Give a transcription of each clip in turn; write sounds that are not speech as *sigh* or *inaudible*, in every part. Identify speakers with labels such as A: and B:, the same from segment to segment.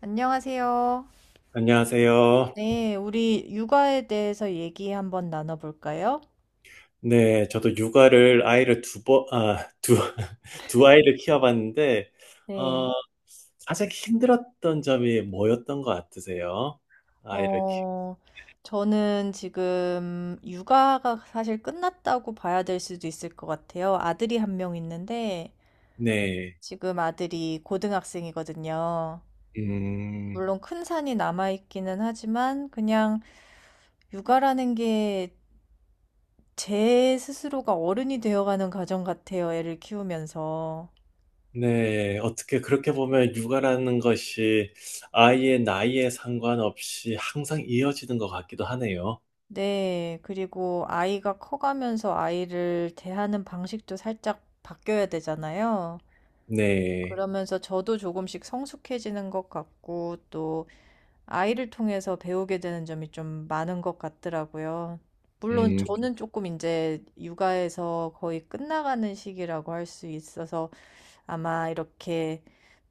A: 안녕하세요.
B: 안녕하세요.
A: 네, 우리 육아에 대해서 얘기 한번 나눠볼까요?
B: 네, 저도 육아를 아이를 두 번, 아, 두, *laughs* 두 아이를 키워봤는데, 어,
A: 네,
B: 가장 힘들었던 점이 뭐였던 것 같으세요? 아이를 키
A: 어, 저는 지금 육아가 사실 끝났다고 봐야 될 수도 있을 것 같아요. 아들이 1명 있는데,
B: 네,
A: 지금 아들이 고등학생이거든요.
B: 음,
A: 물론 큰 산이 남아있기는 하지만, 그냥 육아라는 게 제 스스로가 어른이 되어가는 과정 같아요. 애를 키우면서.
B: 네, 어떻게 그렇게 보면 육아라는 것이 아이의 나이에 상관없이 항상 이어지는 것 같기도 하네요.
A: 네, 그리고 아이가 커가면서 아이를 대하는 방식도 살짝 바뀌어야 되잖아요.
B: 네,
A: 그러면서 저도 조금씩 성숙해지는 것 같고, 또 아이를 통해서 배우게 되는 점이 좀 많은 것 같더라고요. 물론
B: 음.
A: 저는 조금 이제 육아에서 거의 끝나가는 시기라고 할 수 있어서 아마 이렇게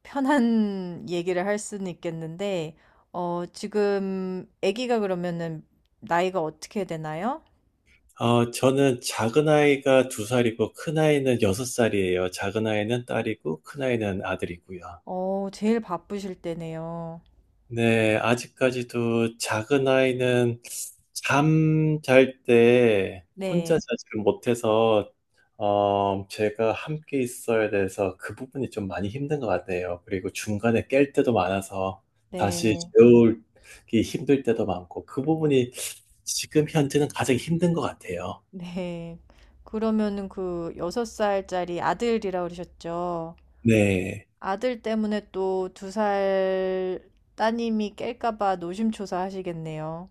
A: 편한 *laughs* 얘기를 할 수는 있겠는데, 지금 아기가 그러면은 나이가 어떻게 되나요?
B: 저는 작은 아이가 2살이고 큰 아이는 6살이에요. 작은 아이는 딸이고 큰 아이는 아들이고요.
A: 제일 바쁘실 때네요.
B: 네, 아직까지도 작은 아이는 잠잘 때 혼자
A: 네,
B: 자지를 못해서 제가 함께 있어야 돼서 그 부분이 좀 많이 힘든 것 같아요. 그리고 중간에 깰 때도 많아서 다시
A: 네,
B: 재우기 힘들 때도 많고 그 부분이 지금 현재는 가장 힘든 것 같아요.
A: *laughs* 네. 그러면은 그 여섯 살짜리 아들이라 그러셨죠?
B: 네.
A: 아들 때문에 또 2살 따님이 깰까 봐 노심초사 하시겠네요.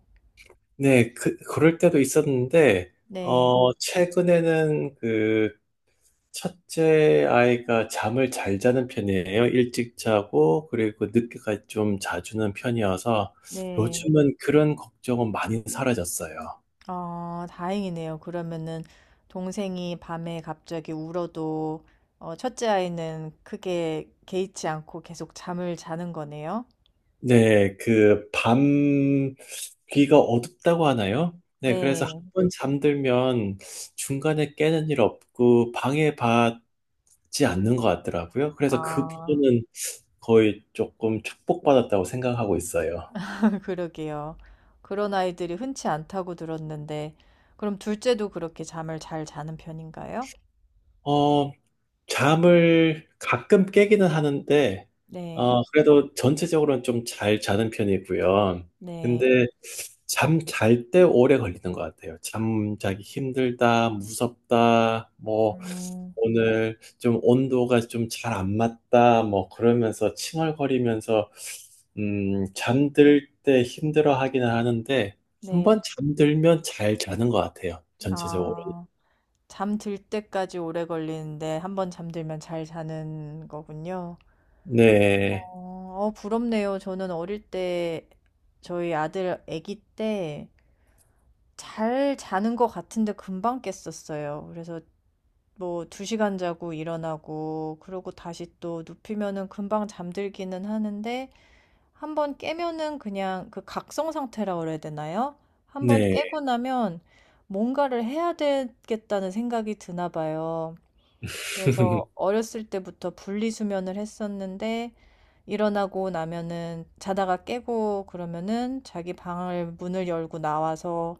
B: 네, 그럴 때도 있었는데,
A: 네,
B: 최근에는 그 첫째 아이가 잠을 잘 자는 편이에요. 일찍 자고, 그리고 늦게까지 좀 자주는 편이어서,
A: 네.
B: 요즘은 그런 걱정은 많이 사라졌어요.
A: 아, 다행이네요. 그러면은 동생이 밤에 갑자기 울어도 첫째 아이는 크게 개의치 않고 계속 잠을 자는 거네요.
B: 네, 귀가 어둡다고 하나요? 네, 그래서 한
A: 네.
B: 번 잠들면 중간에 깨는 일 없고, 방해받지 않는 것 같더라고요. 그래서 그
A: 아.
B: 부분은 거의 조금 축복받았다고 생각하고 있어요.
A: *laughs* 그러게요. 그런 아이들이 흔치 않다고 들었는데, 그럼 둘째도 그렇게 잠을 잘 자는 편인가요?
B: 어, 잠을 가끔 깨기는 하는데,
A: 네,
B: 그래도 전체적으로는 좀 잘 자는 편이고요.
A: 네,
B: 근데 잠 잘 때 오래 걸리는 것 같아요. 잠 자기 힘들다, 무섭다, 뭐,
A: 음,
B: 오늘 좀 온도가 좀 잘 안 맞다, 뭐, 그러면서 칭얼거리면서, 잠들 때 힘들어 하기는 하는데, 한
A: 네.
B: 번 잠들면 잘 자는 것 같아요. 전체적으로.
A: 아, 잠 들 때까지 오래 걸리는데, 한 번 잠들면 잘 자는 거군요.
B: 네,
A: 부럽네요. 저는 어릴 때, 저희 아들 아기 때, 잘 자는 것 같은데 금방 깼었어요. 그래서 뭐 2시간 자고 일어나고 그러고 다시 또 눕히면은 금방 잠들기는 하는데 한번 깨면은 그냥 그 각성 상태라 그래야 되나요? 한번
B: 네.
A: 깨고 나면 뭔가를 해야 되겠다는 생각이 드나 봐요.
B: *laughs*
A: 그래서 어렸을 때부터 분리수면을 했었는데 일어나고 나면은 자다가 깨고 그러면은 자기 방을 문을 열고 나와서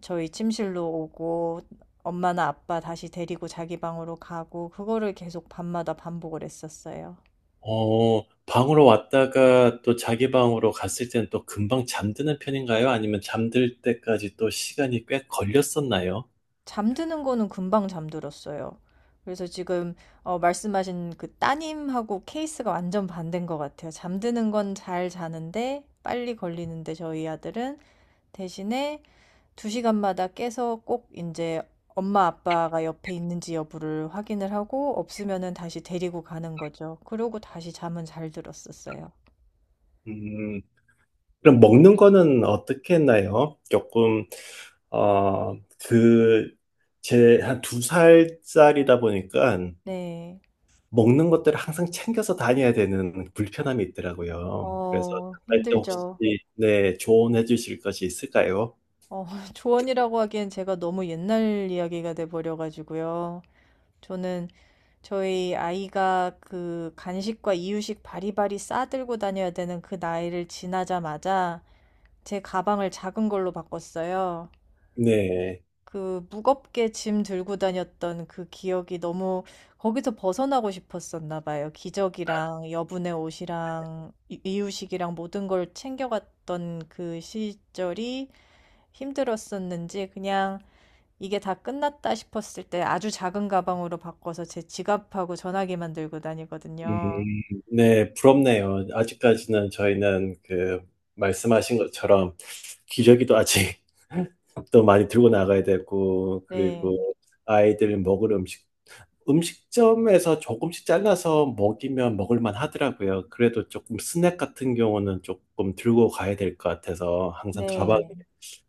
A: 저희 침실로 오고 엄마나 아빠 다시 데리고 자기 방으로 가고 그거를 계속 밤마다 반복을 했었어요.
B: 방으로 왔다가 또 자기 방으로 갔을 때는 또 금방 잠드는 편인가요? 아니면 잠들 때까지 또 시간이 꽤 걸렸었나요?
A: 잠드는 거는 금방 잠들었어요. 그래서 지금 말씀하신 그 따님하고 케이스가 완전 반대인 것 같아요. 잠드는 건 잘 자는데 빨리 걸리는데 저희 아들은 대신에 두 시간마다 깨서 꼭 이제 엄마 아빠가 옆에 있는지 여부를 확인을 하고 없으면은 다시 데리고 가는 거죠. 그러고 다시 잠은 잘 들었었어요.
B: 음, 그럼 먹는 거는 어떻게 했나요? 어, 그, 제 한 2살짜리다 보니까
A: 네.
B: 먹는 것들을 항상 챙겨서 다녀야 되는 불편함이 있더라고요. 그래서 나갈 때 혹시,
A: 힘들죠.
B: 네, 조언해 주실 것이 있을까요?
A: 어, *laughs* 조언이라고 하기엔 제가 너무 옛날 이야기가 돼버려가지고요. 저는 저희 아이가 그 간식과 이유식 바리바리 싸들고 다녀야 되는 그 나이를 지나자마자 제 가방을 작은 걸로 바꿨어요.
B: 네.
A: 그 무겁게 짐 들고 다녔던 그 기억이 너무 거기서 벗어나고 싶었었나 봐요. 기저귀랑 여분의 옷이랑 이유식이랑 모든 걸 챙겨갔던 그 시절이 힘들었었는지 그냥 이게 다 끝났다 싶었을 때 아주 작은 가방으로 바꿔서 제 지갑하고 전화기만 들고 다니거든요.
B: 음, 네, 부럽네요. 아직까지는 저희는 그 말씀하신 것처럼 기저귀도 아직 *laughs* 또 많이 들고 나가야 되고 그리고
A: 네.
B: 아이들 먹을 음식 음식점에서 조금씩 잘라서 먹이면 먹을만 하더라고요. 그래도 조금 스낵 같은 경우는 조금 들고 가야 될 것 같아서 항상 가방에
A: 네.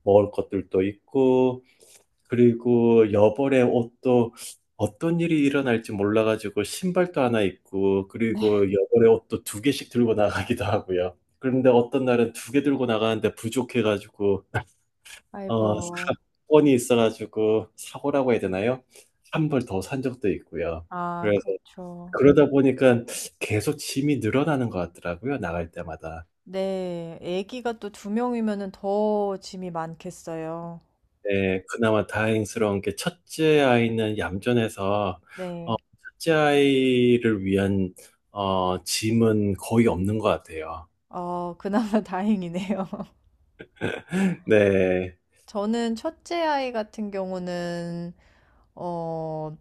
B: 먹을 것들도 있고 그리고 여벌의 옷도 어떤 일이 일어날지 몰라가지고 신발도 하나 입고 그리고
A: 네.
B: 여벌의 옷도 2개씩 들고 나가기도 하고요. 그런데 어떤 날은 2개 들고 나가는데 부족해가지고 *laughs* 어,
A: 아이고.
B: 사건이 있어가지고 사고라고 해야 되나요? 한벌 더 산 적도 있고요.
A: 아,
B: 그래서
A: 그렇죠.
B: 그러다 보니까 계속 짐이 늘어나는 것 같더라고요. 나갈 때마다.
A: 네. 아기가 또 두 명이면은 더 짐이 많겠어요.
B: 네, 그나마 다행스러운 게 첫째 아이는 얌전해서 어,
A: 네.
B: 첫째 아이를 위한 짐은 거의 없는 것 같아요.
A: 그나마 *laughs* 다행이네요. *laughs*
B: *laughs* 네,
A: 저는 첫째 아이 같은 경우는 어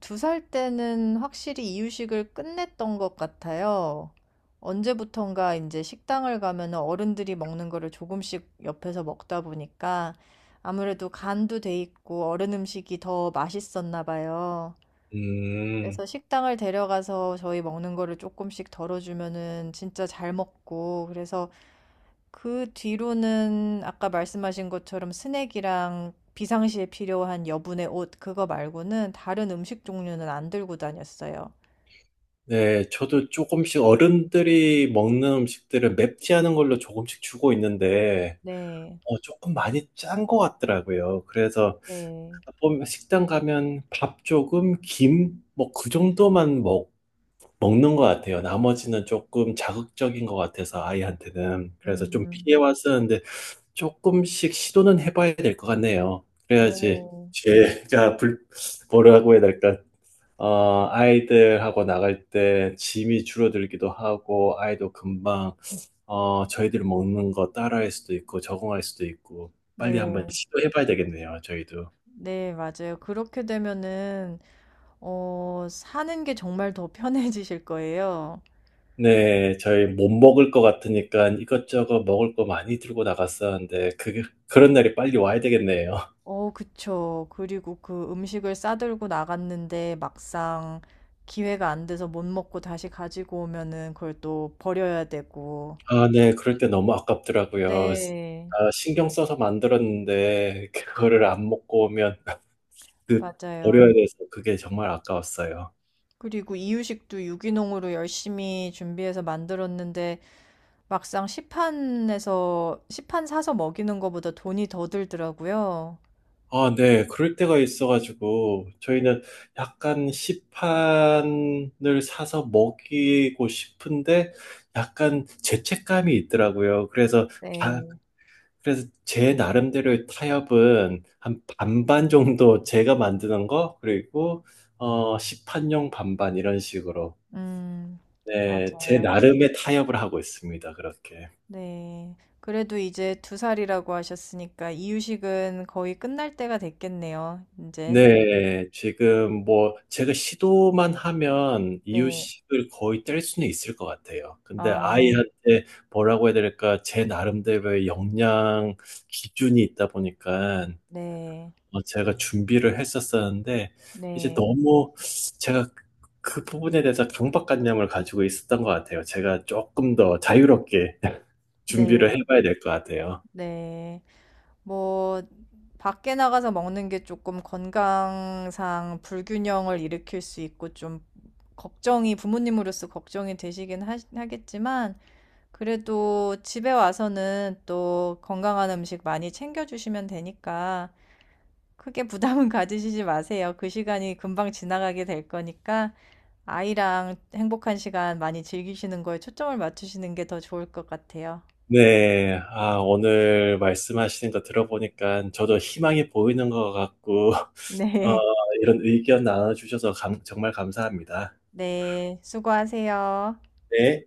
A: 2살 때는 확실히 이유식을 끝냈던 것 같아요. 언제부턴가 이제 식당을 가면 어른들이 먹는 거를 조금씩 옆에서 먹다 보니까 아무래도 간도 돼 있고 어른 음식이 더 맛있었나 봐요.
B: 음,
A: 그래서 식당을 데려가서 저희 먹는 거를 조금씩 덜어주면은 진짜 잘 먹고, 그래서 그 뒤로는 아까 말씀하신 것처럼 스낵이랑 비상시에 필요한 여분의 옷, 그거 말고는 다른 음식 종류는 안 들고 다녔어요.
B: 네, 저도 조금씩 어른들이 먹는 음식들을 맵지 않은 걸로 조금씩 주고 있는데
A: 네,
B: 조금 많이 짠 것 같더라고요. 그래서
A: 네,
B: 보면 식당 가면 밥 조금, 김, 뭐 그 정도만 먹는 것 같아요. 나머지는 조금 자극적인 것 같아서 아이한테는. 그래서 좀
A: 음,
B: 피해 왔었는데 조금씩 시도는 해봐야 될 것 같네요. 그래야지
A: 네,
B: 제가 불, 뭐라고 해야 될까? 아이들하고 나갈 때 짐이 줄어들기도 하고 아이도 금방 저희들 먹는 거 따라할 수도 있고 적응할 수도 있고 빨리 한번
A: 네,
B: 시도해봐야 되겠네요. 저희도.
A: 네, 맞아요. 그렇게 되면은, 사는 게 정말 더 편해지실 거예요.
B: 네. 저희 못 먹을 것 같으니까 이것저것 먹을 거 많이 들고 나갔었는데 그게 그런 날이 빨리 와야 되겠네요.
A: 그쵸. 그리고 그 음식을 싸들고 나갔는데 막상 기회가 안 돼서 못 먹고 다시 가지고 오면은 그걸 또 버려야 되고.
B: 아, 네. 그럴 때 너무 아깝더라고요.
A: 네.
B: 아, 신경 써서 만들었는데 그거를 안 먹고 오면 *laughs* 그
A: 맞아요.
B: 버려야 돼서 그게 정말 아까웠어요.
A: 그리고 이유식도 유기농으로 열심히 준비해서 만들었는데 막상 시판 사서 먹이는 것보다 돈이 더 들더라고요.
B: 아, 네. 그럴 때가 있어 가지고 저희는 약간 시판을 사서 먹이고 싶은데 약간 죄책감이 있더라고요. 그래서
A: 네.
B: 그래서 제 나름대로의 타협은 한 반반 정도 제가 만드는 거, 그리고 시판용 반반 이런 식으로.
A: 음.
B: 네, 제
A: 맞아요.
B: 나름의 타협을 하고 있습니다. 그렇게.
A: 네. 그래도 이제 두 살이라고 하셨으니까 이유식은 거의 끝날 때가 됐겠네요. 이제.
B: 네, 지금 뭐 제가 시도만 하면
A: 네.
B: 이유식을 거의 뗄 수는 있을 것 같아요. 근데
A: 아,
B: 아이한테 뭐라고 해야 될까? 제 나름대로의 역량 기준이 있다 보니까
A: 네.
B: 제가 준비를 했었었는데, 이제
A: 네.
B: 너무 제가 그그 부분에 대해서 강박관념을 가지고 있었던 것 같아요. 제가 조금 더 자유롭게 *laughs*
A: 네.
B: 준비를 해봐야 될 것 같아요.
A: 네. 뭐 밖에 나가서 먹는 게 조금 건강상 불균형을 일으킬 수 있고 좀 걱정이 부모님으로서 걱정이 되시긴 하겠지만 그래도 집에 와서는 또 건강한 음식 많이 챙겨주시면 되니까 크게 부담은 *laughs* 가지시지 마세요. 그 시간이 금방 지나가게 될 거니까 아이랑 행복한 시간 많이 즐기시는 거에 초점을 맞추시는 게 더 좋을 것 같아요.
B: 네, 아, 오늘 말씀하시는 거 들어보니까 저도 희망이 보이는 것 같고, *laughs* 어,
A: 네.
B: 이런 의견 나눠주셔서 정말 감사합니다.
A: 네. 수고하세요.
B: 네.